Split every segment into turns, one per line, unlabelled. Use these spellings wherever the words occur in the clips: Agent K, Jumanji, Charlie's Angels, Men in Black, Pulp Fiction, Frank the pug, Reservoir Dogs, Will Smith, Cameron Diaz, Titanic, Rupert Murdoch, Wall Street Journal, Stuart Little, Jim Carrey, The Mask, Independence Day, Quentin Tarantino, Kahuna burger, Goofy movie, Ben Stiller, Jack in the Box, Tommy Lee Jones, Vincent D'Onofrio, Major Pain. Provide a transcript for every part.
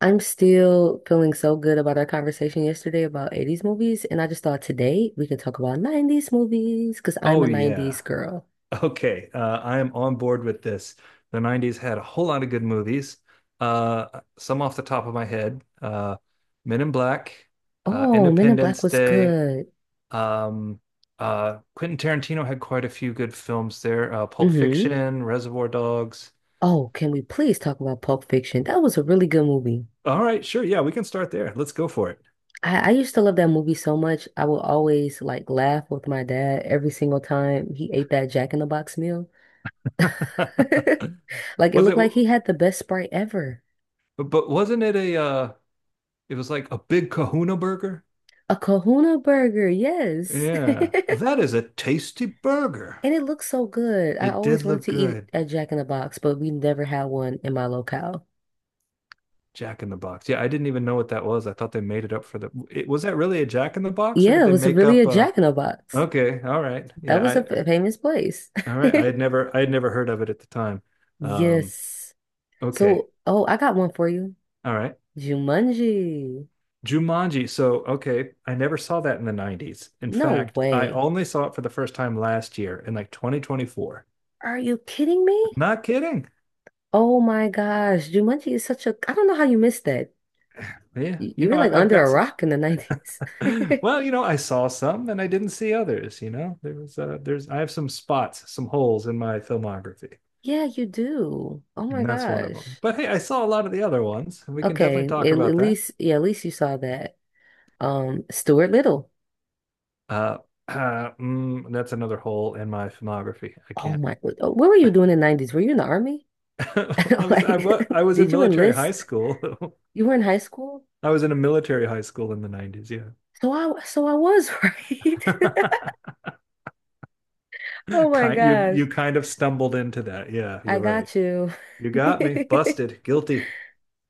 I'm still feeling so good about our conversation yesterday about 80s movies, and I just thought today we could talk about 90s movies because I'm
Oh
a 90s
yeah.
girl.
Okay. I am on board with this. The '90s had a whole lot of good movies. Some off the top of my head. Men in Black,
Oh, Men in Black
Independence
was
Day.
good.
Um, Quentin Tarantino had quite a few good films there. Pulp
Mm-hmm.
Fiction, Reservoir Dogs.
Oh, can we please talk about Pulp Fiction? That was a really good movie.
All right, sure. Yeah, we can start there. Let's go for
I used to love that movie so much. I would always like laugh with my dad every single time he ate that Jack in the Box meal.
it.
Like it
Was
looked
it,
like he had the best Sprite ever.
but wasn't it it was like a big kahuna burger?
A Kahuna burger, yes.
Yeah. That is a tasty burger.
And it looks so good. I
It did
always wanted
look
to eat
good.
at Jack in the Box, but we never had one in my locale.
Jack in the Box. Yeah, I didn't even know what that was. I thought they made it up for the. It, was that really a Jack in the Box, or
Yeah,
did
it
they
was
make
really a
up a?
Jack in the Box.
Okay, all right.
That
Yeah,
was
I
a famous place.
all right. I had never heard of it at the time. Um,
Yes.
okay,
So, oh, I got one for you.
all right.
Jumanji.
Jumanji. So okay, I never saw that in the '90s. In
No
fact, I
way.
only saw it for the first time last year in like 2024.
Are you kidding
I'm
me?
not kidding.
Oh my gosh. Jumanji is such a, I don't know how you missed that.
Yeah,
You,
you
you
know,
were like
I've
under
got
a
some
rock in the 90s.
Well, you know, I saw some and I didn't see others, you know. There's I have some spots, some holes in my filmography.
Yeah, you do. Oh my
And that's one of them.
gosh.
But hey, I saw a lot of the other ones, and we can definitely
Okay. At,
talk
at
about that.
least, yeah, at least you saw that. Stuart Little.
Uh, that's another hole in my filmography. I
Oh
can't.
my, what were you doing in the 90s? Were you in the army?
I was I
Like,
was I was in
did you
military high
enlist?
school.
You were in high school?
I was in a military high school in the '90s, yeah.
So I was, right? Oh my
Kind you
gosh.
you kind of stumbled into that. Yeah,
I
you're right.
got you.
You got me. Busted. Guilty.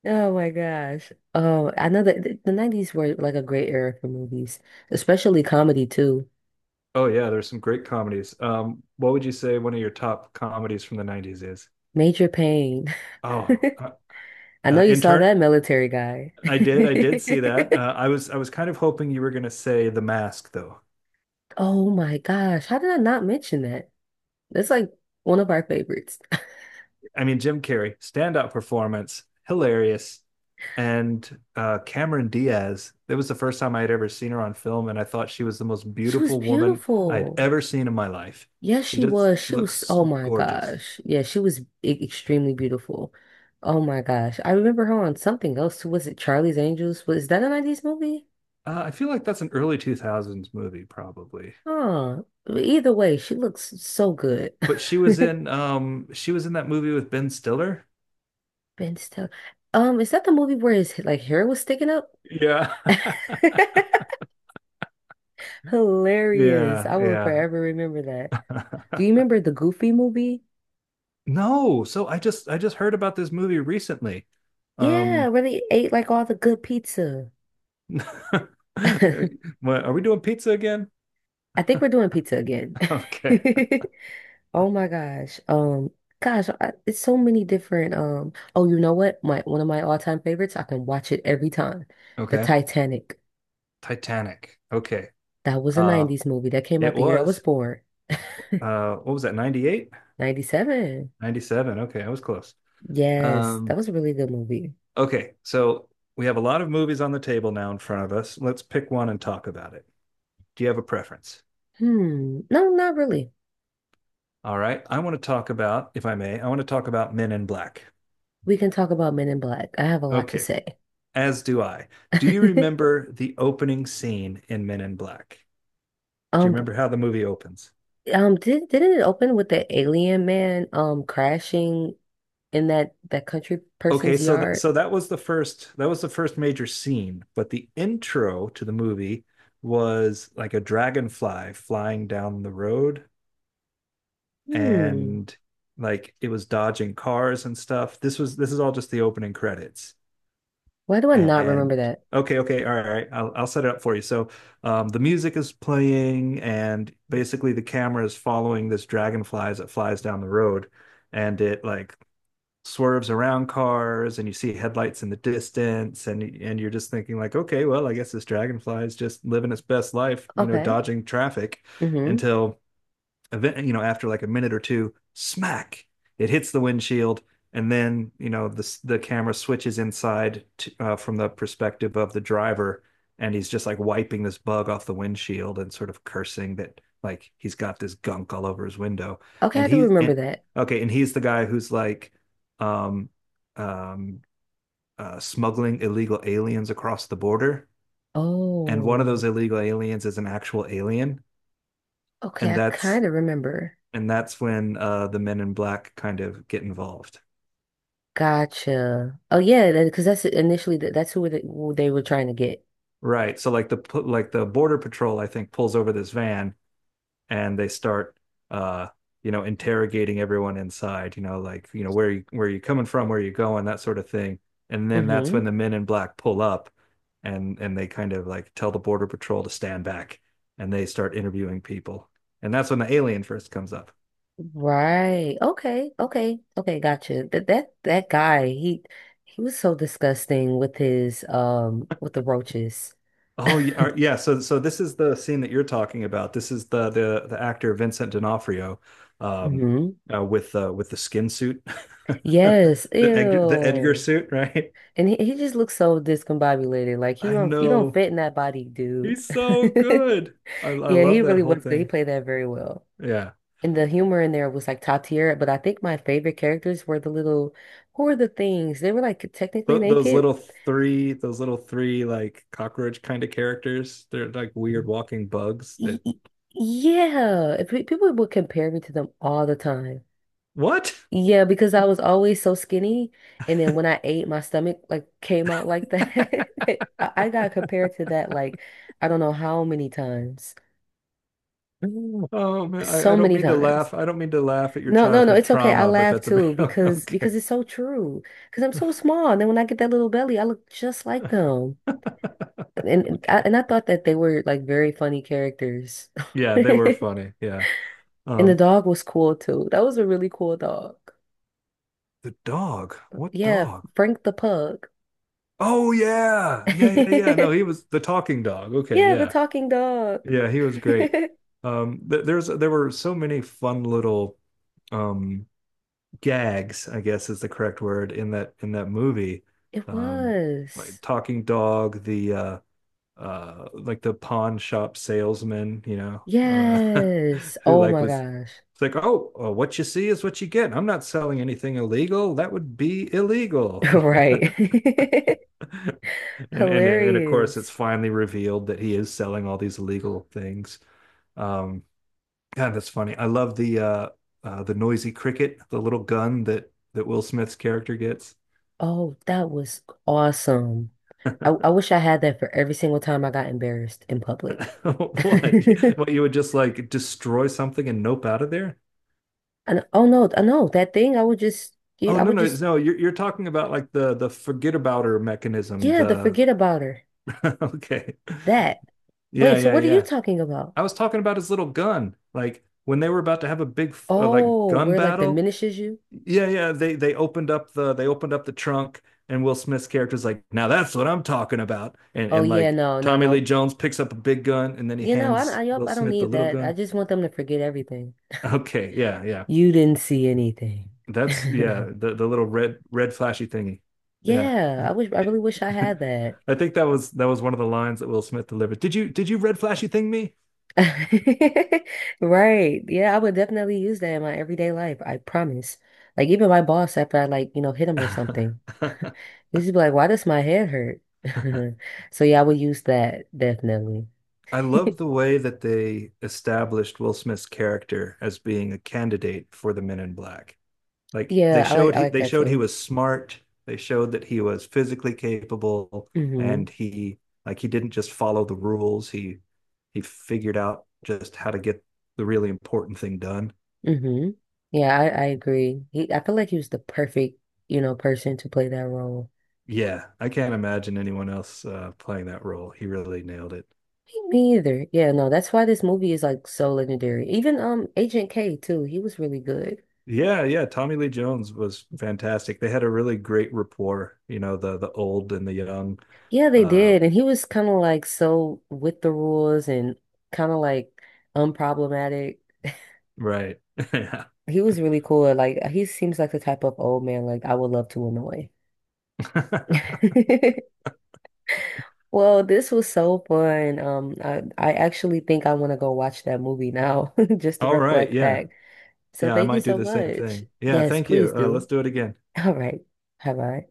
Oh my gosh. Oh, I know that the 90s were like a great era for movies, especially comedy too.
Oh yeah, there's some great comedies. What would you say one of your top comedies from the '90s is?
Major Pain.
Oh, uh,
I know you saw
Intern.
that military guy.
I did see that. I was kind of hoping you were going to say The Mask, though.
Oh my gosh. How did I not mention that? That's like one of our favorites.
I mean, Jim Carrey, standout performance, hilarious, and Cameron Diaz. That was the first time I had ever seen her on film, and I thought she was the most
She was
beautiful woman I had
beautiful.
ever seen in my life.
Yes,
She
she
just,
was.
she
She was,
looks
oh my
gorgeous.
gosh. Yeah, she was extremely beautiful. Oh my gosh. I remember her on something else too. Was it Charlie's Angels? Was that a 90s movie?
I feel like that's an early 2000s movie, probably.
Huh. Either way, she looks so good.
But she was in that movie with Ben Stiller.
Ben Stiller. Is that the movie where his like hair was sticking up?
Yeah.
Hilarious.
Yeah,
I will
yeah.
forever remember that. Do you remember the Goofy movie?
No, so I just heard about this movie recently.
Yeah,
Um
where they ate like all the good pizza.
what, are we doing pizza again?
I think we're doing pizza again.
Okay.
Oh my gosh. Gosh, it's so many different oh, you know what? My one of my all-time favorites, I can watch it every time. The
Okay.
Titanic.
Titanic. Okay.
That was a
Uh
90s movie that came
it
out the year I was
was
born.
what was that 98?
97.
97. Okay, I was close.
Yes, that
Um
was a really good movie.
okay, so we have a lot of movies on the table now in front of us. Let's pick one and talk about it. Do you have a preference?
Hmm. No, not really.
All right. I want to talk about, if I may, I want to talk about Men in Black.
We can talk about Men in Black. I have a lot to
Okay.
say.
As do I. Do you remember the opening scene in Men in Black? Do you
Um,
remember how the movie opens?
didn't it open with the alien man crashing in that country
Okay,
person's
so th-
yard.
so that was the first that was the first major scene, but the intro to the movie was like a dragonfly flying down the road
Hmm.
and like it was dodging cars and stuff. This is all just the opening credits.
Why do I not
And
remember that?
okay, all right. I'll set it up for you. So the music is playing, and basically the camera is following this dragonfly as it flies down the road, and it like swerves around cars, and you see headlights in the distance, and you're just thinking like, okay, well, I guess this dragonfly is just living its best life, you know,
Okay.
dodging traffic,
Mm-hmm.
until event, you know, after like a minute or two, smack, it hits the windshield, and then you know the camera switches inside to, from the perspective of the driver, and he's just like wiping this bug off the windshield and sort of cursing that like he's got this gunk all over his window,
Okay,
and
I do
he
remember
and
that.
okay, and he's the guy who's like, um, um, smuggling illegal aliens across the border. And one of
Oh.
those illegal aliens is an actual alien,
Okay,
and
I kind of remember.
that's when the men in black kind of get involved.
Gotcha. Oh yeah, because that's initially that's who they were trying to get.
Right. So like the border patrol, I think, pulls over this van and they start, uh, you know, interrogating everyone inside. You know, like you know where you, where are you coming from, where are you going, that sort of thing. And then that's
Mm-hmm.
when the men in black pull up, and they kind of like tell the border patrol to stand back, and they start interviewing people. And that's when the alien first comes up.
Right. Okay. Okay. Okay. Gotcha. That guy. He was so disgusting with his with the roaches.
Oh yeah, yeah. So so this is the scene that you're talking about. This is the actor Vincent D'Onofrio, um,
Mm-hmm.
with the skin suit, the
Yes.
The Edgar
Ew.
suit, right?
And he just looks so discombobulated. Like you
I
don't you don't
know
fit in that body, dude.
he's so good. I
Yeah, he
love that
really
whole
was good. He
thing.
played that very well.
Yeah,
And the humor in there was like top tier. But I think my favorite characters were the little who were the things? They were like technically
Th- those
naked.
little three, those little three like cockroach kind of characters. They're like weird walking bugs
Y-
that
y- Yeah. If people would compare me to them all the time.
what?
Yeah, because I was always so skinny. And then when I ate, my stomach like came out like that. I got compared to that like I don't know how many times.
Oh man, I
So
don't
many
mean to
times.
laugh. I don't mean to laugh at your
No, no, no,
childhood
it's okay. I
trauma, but
laugh
that's a bit
too because
okay.
because it's so true. Because I'm so small, and then when I get that little belly, I look just like them. And and I,
Okay.
and I thought that they were like very funny characters.
Yeah, they were funny. Yeah.
And the
Um,
dog was cool too. That was a really cool dog.
the dog. What
Yeah,
dog?
Frank the pug.
Oh yeah. Yeah, yeah, yeah. No, he was the talking dog. Okay,
Yeah, the
yeah.
talking dog.
Yeah, he was great. Th There's there were so many fun little um gags, I guess is the correct word in that movie.
It
Um, like
was.
talking dog, the like the pawn shop salesman, you know,
Yes.
who
Oh
like
my
was
gosh.
it's like, oh, what you see is what you get. I'm not selling anything illegal. That would be illegal.
Right.
And of course, it's
Hilarious.
finally revealed that he is selling all these illegal things. Um, God, that's funny. I love the noisy cricket, the little gun that Will Smith's character gets.
Oh, that was awesome. I, I wish I had that for every single time I got embarrassed in public.
What? What, you would just like destroy something and nope out of there?
And oh no, I know that thing. I would just,
Oh
yeah, I
no
would
no
just,
no you're talking about like the forget abouter mechanism
yeah, the
the
forget about her.
okay
That. Wait,
yeah
so
yeah
what are you
yeah
talking about?
I was talking about his little gun like when they were about to have a big like
Oh,
gun
where like
battle
diminishes you?
yeah, they opened up the they opened up the trunk and Will Smith's character's like now that's what I'm talking about and
Oh
and
yeah,
like
no, no,
Tommy Lee
no.
Jones picks up a big gun and then he
You know,
hands
yup,
Will
I don't
Smith the
need
little
that. I
gun
just want them to forget everything.
okay yeah,
You didn't see anything.
that's yeah the little red flashy thingy yeah
Yeah, I wish, I really wish I had that.
I think that was one of the lines that Will Smith delivered. Did you red flashy thing me?
Right. Yeah, I would definitely use that in my everyday life. I promise. Like even my boss after I like, you know, hit him or something. He'd just be like, why does my head hurt? So yeah, I would use that definitely.
I love the way that they established Will Smith's character as being a candidate for the Men in Black. Like
Yeah, I like I like
they
that
showed he
too.
was smart, they showed that he was physically capable
Hmm.
and he didn't just follow the rules, he figured out just how to get the really important thing done.
Hmm. Yeah, I agree. He I feel like he was the perfect, you know, person to play that role.
Yeah, I can't imagine anyone else playing that role. He really nailed it.
Me either. Yeah, no, that's why this movie is like so legendary. Even Agent K too, he was really good.
Yeah, yeah. Tommy Lee Jones was fantastic. They had a really great rapport, you know, the old and the young.
Yeah, they
Uh,
did. And he was kind of like so with the rules and kind of like unproblematic.
right. Yeah.
He was really cool. Like he seems like the type of old man like I would love to annoy. Well, this was so fun. I actually think I want to go watch that movie now just to
All right.
reflect
Yeah.
back. So
Yeah, I
thank you
might do
so
the same
much.
thing. Yeah,
Yes,
thank you.
please do.
Let's do it again.
All right. Bye bye.